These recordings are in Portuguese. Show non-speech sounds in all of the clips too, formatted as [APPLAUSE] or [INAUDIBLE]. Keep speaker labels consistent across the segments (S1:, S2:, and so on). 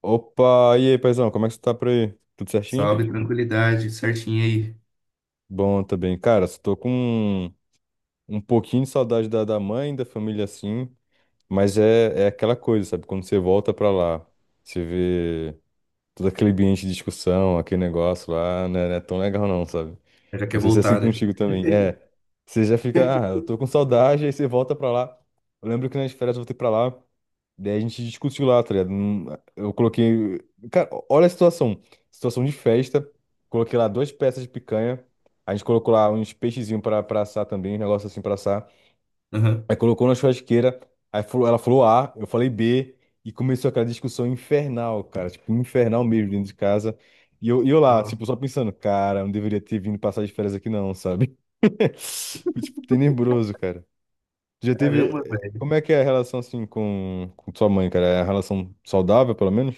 S1: Opa, e aí, paizão, como é que você tá por aí? Tudo certinho?
S2: Salve, tranquilidade, certinho aí.
S1: Bom também. Cara, só tô com um pouquinho de saudade da mãe, da família assim, mas é aquela coisa, sabe? Quando você volta pra lá, você vê todo aquele ambiente de discussão, aquele negócio lá, né? Não é tão legal não, sabe?
S2: Já quer
S1: Não sei se é assim
S2: voltar, né?
S1: contigo também. É, você já fica, ah, eu tô com saudade, aí você volta pra lá. Eu lembro que nas férias eu voltei pra lá. Daí a gente discutiu lá, tá ligado? Eu coloquei. Cara, olha a situação. Situação de festa. Coloquei lá duas peças de picanha. A gente colocou lá uns peixezinhos pra assar também, um negócio assim pra assar.
S2: Aham.
S1: Aí colocou na churrasqueira. Aí ela falou A, eu falei B. E começou aquela discussão infernal, cara. Tipo, infernal mesmo dentro de casa. E eu lá,
S2: Ó,
S1: tipo, só pensando, cara, não deveria ter vindo passar de férias aqui não, sabe? [LAUGHS] Foi. Tipo, tenebroso, cara. Já teve.
S2: caramba, velho.
S1: Como é que é a relação assim com sua mãe, cara? É a relação saudável, pelo menos?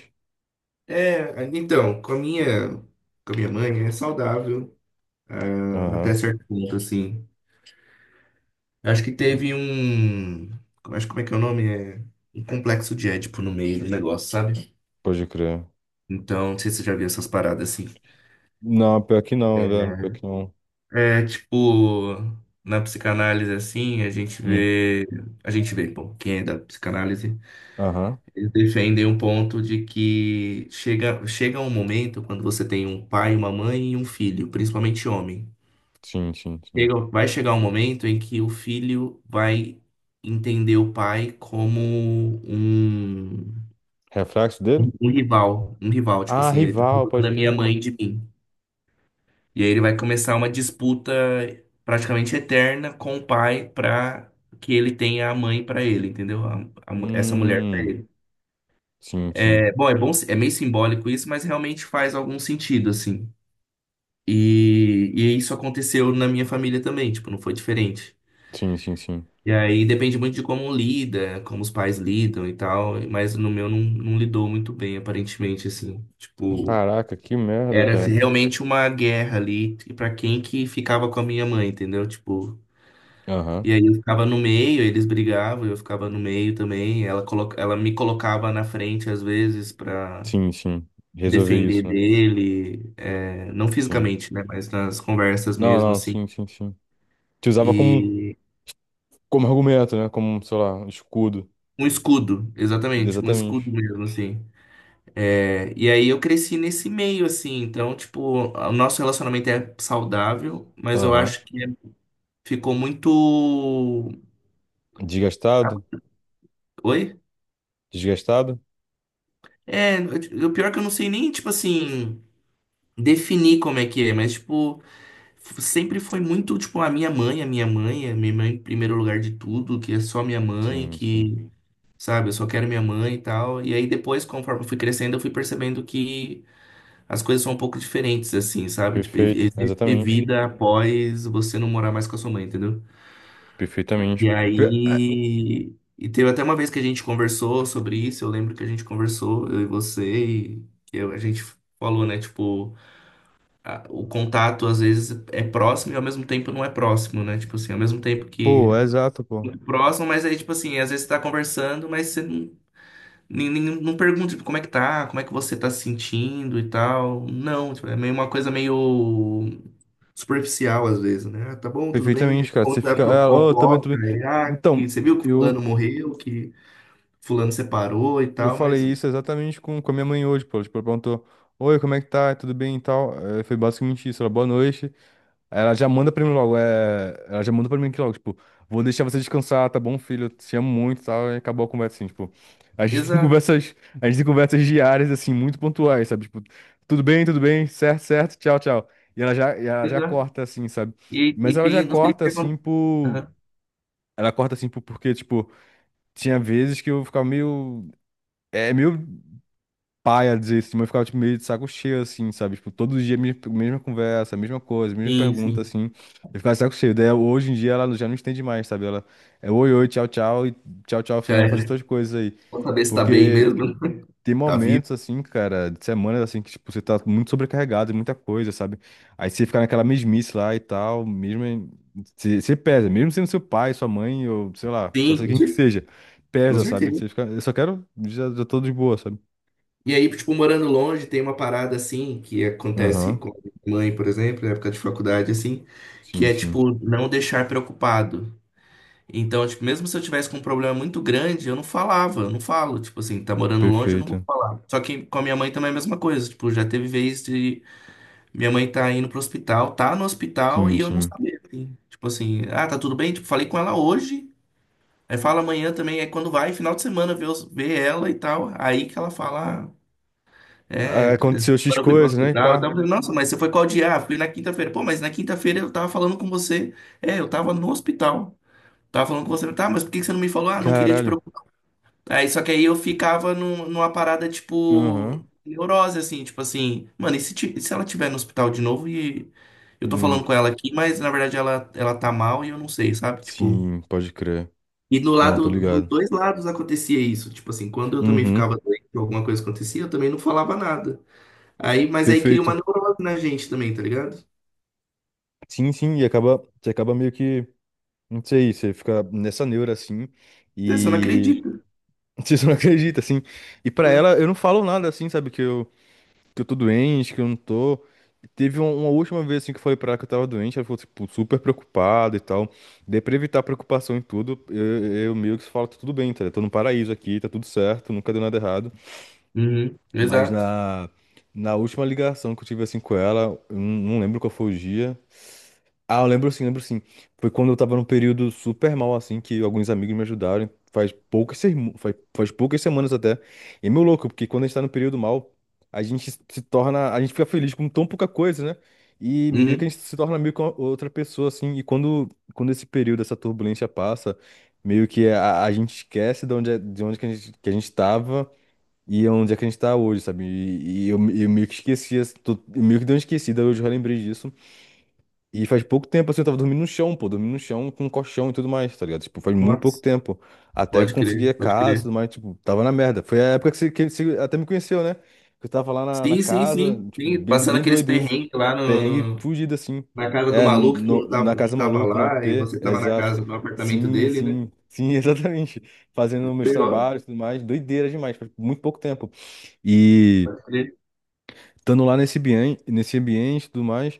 S2: É, então, com a minha mãe é saudável, até
S1: Aham,
S2: certo ponto, assim. Acho que teve um. Acho como é que é o nome? É um complexo de Édipo no meio do negócio, sabe?
S1: pode crer.
S2: Então, não sei se você já viu essas paradas assim.
S1: Não, pior que não, velho. Pior que
S2: É,
S1: não.
S2: é, tipo, na psicanálise, assim, a gente
S1: Hum.
S2: vê. A gente vê, bom, quem é da psicanálise.
S1: Aham.
S2: Eles defendem um ponto de que chega um momento quando você tem um pai, uma mãe e um filho, principalmente homem.
S1: Sim, sim, sim.
S2: Vai chegar um momento em que o filho vai entender o pai como um,
S1: Reflexo dele?
S2: um rival. Um rival, tipo
S1: Ah,
S2: assim, ele tá
S1: rival,
S2: roubando
S1: pode
S2: a minha
S1: crer.
S2: mãe de mim. E aí ele vai começar uma disputa praticamente eterna com o pai pra que ele tenha a mãe pra ele, entendeu? Essa mulher pra
S1: Hum.
S2: ele.
S1: Sim, sim.
S2: É bom, é meio simbólico isso, mas realmente faz algum sentido, assim. E isso aconteceu na minha família também, tipo, não foi diferente.
S1: Sim, sim, sim.
S2: E aí depende muito de como lida, como os pais lidam e tal, mas no meu não, não lidou muito bem, aparentemente, assim. Tipo,
S1: Caraca, que merda,
S2: era assim,
S1: cara.
S2: realmente uma guerra ali pra quem que ficava com a minha mãe, entendeu? Tipo,
S1: Aham.
S2: e aí eu ficava no meio, eles brigavam, eu ficava no meio também, ela, ela me colocava na frente às vezes pra.
S1: Sim, sim. Resolver
S2: Defender
S1: isso, né?
S2: dele, é, não
S1: Sim.
S2: fisicamente, né, mas nas conversas
S1: Não,
S2: mesmo,
S1: não,
S2: assim.
S1: sim, sim, sim. Te usava como, um,
S2: E
S1: como argumento, né? Como, sei lá, um escudo.
S2: um escudo, exatamente, um escudo
S1: Exatamente.
S2: mesmo, assim. É, e aí eu cresci nesse meio, assim, então, tipo, o nosso relacionamento é saudável, mas eu
S1: Aham.
S2: acho que ficou muito.
S1: Desgastado?
S2: Oi?
S1: Desgastado?
S2: É, o pior é que eu não sei nem, tipo assim, definir como é que é, mas, tipo, sempre foi muito, tipo, a minha mãe, a minha mãe, a minha mãe em primeiro lugar de tudo, que é só minha mãe,
S1: Sim, sim.
S2: que sabe? Eu só quero minha mãe e tal. E aí depois, conforme eu fui crescendo, eu fui percebendo que as coisas são um pouco diferentes, assim, sabe? Tipo,
S1: Perfeito,
S2: existe
S1: exatamente.
S2: vida após você não morar mais com a sua mãe, entendeu?
S1: Perfeitamente.
S2: E
S1: É,
S2: aí. E teve até uma vez que a gente conversou sobre isso, eu lembro que a gente conversou, eu e você, e que a gente falou, né? Tipo, o contato às vezes é próximo e ao mesmo tempo não é próximo, né? Tipo assim, ao mesmo tempo
S1: pô, é
S2: que
S1: exato, pô.
S2: próximo, mas aí, tipo assim, às vezes você tá conversando, mas você não não pergunta, tipo, como é que tá, como é que você tá se sentindo e tal. Não, tipo, é meio uma coisa meio superficial às vezes, né? Ah, tá bom, tudo bem.
S1: Perfeitamente, cara.
S2: Ou
S1: Você
S2: dá
S1: fica.
S2: pra
S1: Ah, oh, tô bem, tô
S2: fofoca,
S1: bem.
S2: e, que
S1: Então,
S2: você viu que fulano
S1: eu,
S2: morreu, que fulano separou e
S1: eu
S2: tal,
S1: falei
S2: mas...
S1: isso exatamente com a minha mãe hoje, pô. Tipo, ela perguntou: oi, como é que tá? Tudo bem e tal? Foi basicamente isso. Ela, boa noite. Ela já manda pra mim logo, é... Ela já manda pra mim aqui logo, tipo, vou deixar você descansar, tá bom, filho? Eu te amo muito, e tal, e acabou a conversa, assim, tipo. A gente tem
S2: Exato,
S1: conversas, a gente tem conversas diárias, assim, muito pontuais, sabe? Tipo, tudo bem, certo, certo, tchau, tchau. E ela já
S2: exato.
S1: corta, assim, sabe?
S2: E,
S1: Mas
S2: e
S1: ela já
S2: tem, não sei
S1: corta,
S2: se
S1: assim,
S2: acontece.
S1: por... Ela corta, assim, por... porque, tipo, tinha vezes que eu ficava meio... É, meio paia desse, tipo, eu ficava tipo, meio de saco cheio, assim, sabe? Tipo, todo dia mesma conversa, mesma coisa, mesma
S2: Sim,
S1: pergunta,
S2: sim.
S1: assim. Eu ficava de saco cheio. Daí hoje em dia ela já não entende mais, sabe? Ela é oi, oi, tchau, tchau, e tchau, tchau,
S2: Já
S1: filhão, vou fazer
S2: era.
S1: todas as coisas aí.
S2: Só saber se tá bem
S1: Porque
S2: mesmo, [LAUGHS]
S1: tem
S2: tá vivo.
S1: momentos, assim, cara, de semanas, assim, que, tipo, você tá muito sobrecarregado, de muita coisa, sabe? Aí você fica naquela mesmice lá e tal, mesmo. Você pesa, mesmo sendo seu pai, sua mãe, ou sei lá, pode
S2: Sim,
S1: ser quem que seja,
S2: com
S1: pesa, sabe?
S2: certeza.
S1: Você fica, eu só quero, já tô de boa, sabe?
S2: E aí, tipo, morando longe, tem uma parada assim que acontece
S1: Aham.
S2: com a minha mãe, por exemplo, na época de faculdade, assim, que
S1: Sim,
S2: é
S1: sim.
S2: tipo não deixar preocupado. Então, tipo, mesmo se eu tivesse com um problema muito grande, eu não falava, eu não falo. Tipo assim, tá morando longe, eu não vou
S1: Perfeita.
S2: falar. Só que com a minha mãe também é a mesma coisa. Tipo, já teve vez de minha mãe tá indo pro hospital, tá no hospital
S1: Sim,
S2: e eu não
S1: sim.
S2: sabia, assim. Tipo assim, ah, tá tudo bem? Tipo, falei com ela hoje. Aí fala amanhã também, é quando vai, final de semana, ver, ver ela e tal. Aí que ela fala, ah,
S1: Ah,
S2: é,
S1: aconteceu X
S2: quando eu fui pro
S1: coisas, né? E
S2: hospital, então eu
S1: pá.
S2: tava falando, nossa, mas você foi qual dia? Ah, fui na quinta-feira. Pô, mas na quinta-feira eu tava falando com você. É, eu tava no hospital. Tava falando com você, tá, mas por que que você não me falou? Ah, não queria te
S1: Caralho.
S2: preocupar. Aí, só que aí eu ficava numa parada, tipo,
S1: Aham.
S2: neurose, assim, tipo assim, mano, e se, e se ela tiver no hospital de novo e eu
S1: E
S2: tô
S1: não.
S2: falando com ela aqui, mas na verdade ela tá mal e eu não sei, sabe? Tipo.
S1: Sim, pode crer.
S2: E no
S1: Não, tô
S2: lado, dos
S1: ligado.
S2: dois lados acontecia isso. Tipo assim, quando eu também
S1: Uhum.
S2: ficava doente, alguma coisa acontecia, eu também não falava nada. Aí, mas aí cria uma
S1: Perfeito.
S2: neurose na gente também, tá ligado?
S1: Sim, sim. E acaba. Você acaba meio que. Não sei, você fica nessa neura assim.
S2: Você não
S1: E. [LAUGHS]
S2: acredita,
S1: Você não acredita, assim. E pra
S2: né?
S1: ela, eu não falo nada assim, sabe? Que eu tô doente, que eu não tô. Teve uma última vez assim que eu falei pra ela que eu tava doente, ela ficou tipo, super preocupada e tal. Daí pra evitar preocupação em tudo, eu meio que falo, tá tudo bem, tá? Eu tô no paraíso aqui, tá tudo certo, nunca deu nada errado.
S2: Uhum,
S1: Mas
S2: exato.
S1: na, na última ligação que eu tive assim com ela, eu não lembro qual foi o dia, ah, eu lembro sim, lembro sim. Foi quando eu tava num período super mal, assim, que alguns amigos me ajudaram. Faz poucas semanas até. E é meio louco, porque quando a gente tá num período mal, a gente se torna. A gente fica feliz com tão pouca coisa, né? E meio que a
S2: Uhum.
S1: gente se torna meio que outra pessoa, assim. E quando esse período, essa turbulência passa, meio que a gente esquece de onde, de onde que a gente tava e onde é que a gente tá hoje, sabe? E eu meio que esqueci, assim, eu meio que dei uma esquecida, hoje eu já lembrei disso. E faz pouco tempo, assim, eu tava dormindo no chão, pô, dormindo no chão com um colchão e tudo mais, tá ligado? Tipo, faz muito pouco
S2: Nossa,
S1: tempo. Até
S2: pode
S1: conseguir
S2: crer,
S1: a
S2: pode
S1: casa e
S2: crer.
S1: tudo mais, tipo, tava na merda. Foi a época que você até me conheceu, né? Que eu tava lá na, na
S2: Sim, sim,
S1: casa,
S2: sim,
S1: tipo,
S2: sim.
S1: bem,
S2: Passando
S1: bem
S2: aqueles
S1: doido isso.
S2: perrengues lá
S1: Perrengue fugido, assim.
S2: na casa do
S1: É,
S2: maluco que
S1: no,
S2: não tava,
S1: na
S2: não
S1: Casa
S2: tava
S1: Maluco, no
S2: lá e
S1: AP,
S2: você
S1: é,
S2: tava na
S1: exato.
S2: casa, no apartamento
S1: Sim,
S2: dele, né?
S1: sim, sim, [LAUGHS] exatamente. Fazendo meus
S2: Pior,
S1: trabalhos e tudo mais, doideira demais, faz muito pouco tempo. E
S2: pode crer.
S1: estando lá nesse ambiente e tudo mais.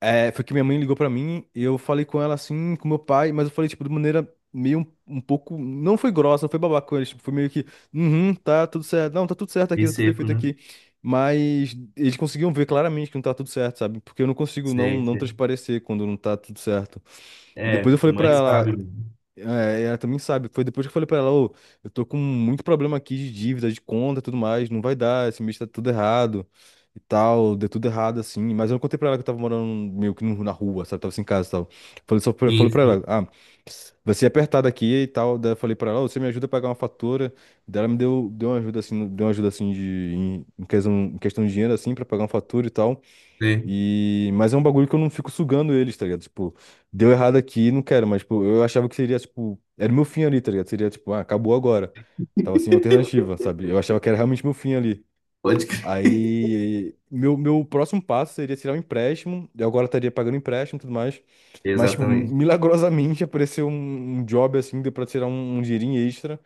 S1: É, foi que minha mãe ligou pra mim e eu falei com ela assim, com meu pai, mas eu falei, tipo, de maneira meio um pouco. Não foi grossa, não foi babaca com eles, tipo, foi meio que, uhum, tá tudo certo, não, tá tudo certo aqui,
S2: E
S1: tá tudo
S2: seco,
S1: perfeito
S2: né?
S1: aqui. Mas eles conseguiam ver claramente que não tá tudo certo, sabe? Porque eu não consigo não,
S2: Sei,
S1: não
S2: sei.
S1: transparecer quando não tá tudo certo. E
S2: É,
S1: depois eu falei pra
S2: mãe
S1: ela,
S2: sabe mesmo.
S1: é, ela também sabe. Foi depois que eu falei pra ela, ô, eu tô com muito problema aqui de dívida, de conta e tudo mais, não vai dar, esse mês tá tudo errado e tal, deu tudo errado assim. Mas eu não contei pra ela que eu tava morando meio que na rua, sabe? Tava sem casa e tal. Falei só pra,
S2: Sim,
S1: falei pra
S2: sim,
S1: ela, ah, vai ser apertado aqui e tal. Daí eu falei pra ela, ô, você me ajuda a pagar uma fatura. Daí ela me deu, deu uma ajuda assim, deu uma ajuda assim de, em, em questão de dinheiro assim, pra pagar uma fatura e tal.
S2: sei.
S1: E... Mas é um bagulho que eu não fico sugando eles, tá ligado? Tipo, deu errado aqui, não quero, mas, tipo, eu achava que seria, tipo, era o meu fim ali, tá ligado? Seria, tipo, ah, acabou agora. Tava sem alternativa, sabe? Eu achava que era realmente meu fim ali.
S2: Pode crer.
S1: Aí, meu próximo passo seria tirar um empréstimo, eu agora estaria pagando empréstimo e tudo mais. Mas, tipo,
S2: Exatamente.
S1: milagrosamente [LAUGHS] apareceu um job assim, deu pra tirar um dinheirinho extra.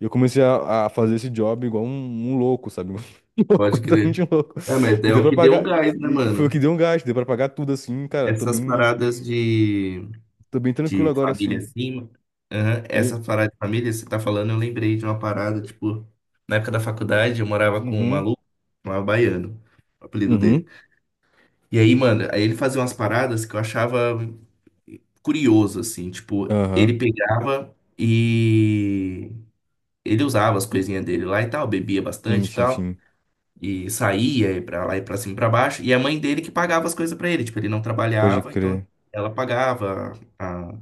S1: E eu comecei a fazer esse job igual um louco, sabe? [LAUGHS] Um louco,
S2: Pode
S1: completamente
S2: crer.
S1: louco.
S2: É, mas
S1: E
S2: é
S1: deu
S2: o
S1: pra
S2: que deu um
S1: pagar.
S2: gás, né,
S1: E foi o que
S2: mano?
S1: deu um gasto, deu pra pagar tudo assim, cara. Tô
S2: Essas
S1: bem,
S2: paradas de
S1: tô bem tranquilo
S2: de
S1: agora
S2: família
S1: assim.
S2: assim. aham,
S1: E-
S2: Essa parada de família, você tá falando, eu lembrei de uma parada, tipo, na época da faculdade eu morava com um
S1: Uhum,
S2: maluco, chamava Baiano, o apelido dele.
S1: uhum,
S2: E aí, mano, aí ele fazia umas paradas que eu achava curioso, assim, tipo, ele
S1: aham.
S2: pegava e ele usava as coisinhas dele lá e tal, bebia
S1: Sim,
S2: bastante e
S1: sim,
S2: tal.
S1: sim.
S2: E saía e pra lá e pra cima e pra baixo. E a mãe dele que pagava as coisas pra ele. Tipo, ele não
S1: Pode
S2: trabalhava, então
S1: crer.
S2: ela pagava a,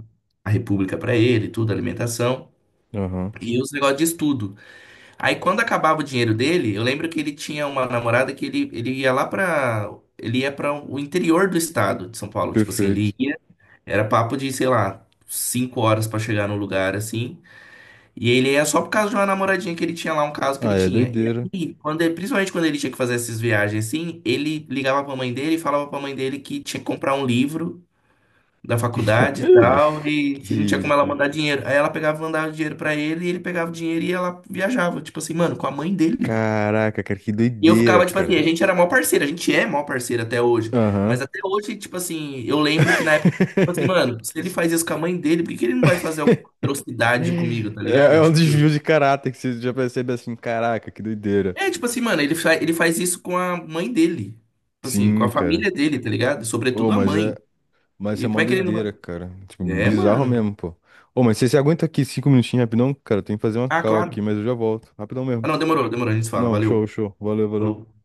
S2: a república pra ele, tudo, alimentação.
S1: Aham.
S2: E os negócios de estudo. Aí quando acabava o dinheiro dele, eu lembro que ele tinha uma namorada que ele ia lá pra. Ele ia para o interior do estado de São Paulo. Tipo assim, ele
S1: Perfeito.
S2: ia. Era papo de, sei lá, 5 horas pra chegar no lugar assim. E ele é só por causa de uma namoradinha que ele tinha lá, um caso que ele
S1: Ah, é
S2: tinha. E
S1: doideira.
S2: aí, principalmente quando ele tinha que fazer essas viagens assim, ele ligava pra mãe dele e falava pra mãe dele que tinha que comprar um livro da faculdade e
S1: [LAUGHS]
S2: tal, e
S1: Que
S2: se não tinha como ela
S1: ridículo.
S2: mandar dinheiro. Aí ela pegava e mandava dinheiro pra ele, e ele pegava o dinheiro e ela viajava, tipo assim, mano, com a mãe dele.
S1: Caraca, cara, que
S2: E eu
S1: doideira,
S2: ficava, tipo assim,
S1: cara.
S2: a gente era mó parceiro, a gente é mó parceiro até hoje.
S1: Aham.
S2: Mas até hoje, tipo assim, eu lembro que na época, eu falava assim,
S1: [LAUGHS]
S2: mano, se ele faz isso com a mãe dele, por que que ele não vai fazer alguma atrocidade comigo, tá
S1: É,
S2: ligado?
S1: é um
S2: Tipo.
S1: desvio de caráter que você já percebe assim, caraca, que doideira.
S2: É, tipo assim, mano, ele faz isso com a mãe dele. Tipo assim, com a
S1: Sim, cara.
S2: família dele, tá ligado?
S1: Ô,
S2: Sobretudo a
S1: mas é.
S2: mãe.
S1: Mas isso
S2: E
S1: é
S2: como
S1: uma
S2: é que ele
S1: doideira,
S2: não.
S1: cara. Tipo,
S2: É,
S1: bizarro
S2: mano.
S1: mesmo, pô. Ô, mas você se aguenta aqui 5 minutinhos rapidão? Cara, tem que fazer uma
S2: Ah,
S1: call aqui,
S2: claro.
S1: mas eu já volto. Rapidão mesmo.
S2: Ah, não, demorou, demorou, a gente se fala.
S1: Não,
S2: Valeu.
S1: show, show. Valeu, valeu.
S2: Falou.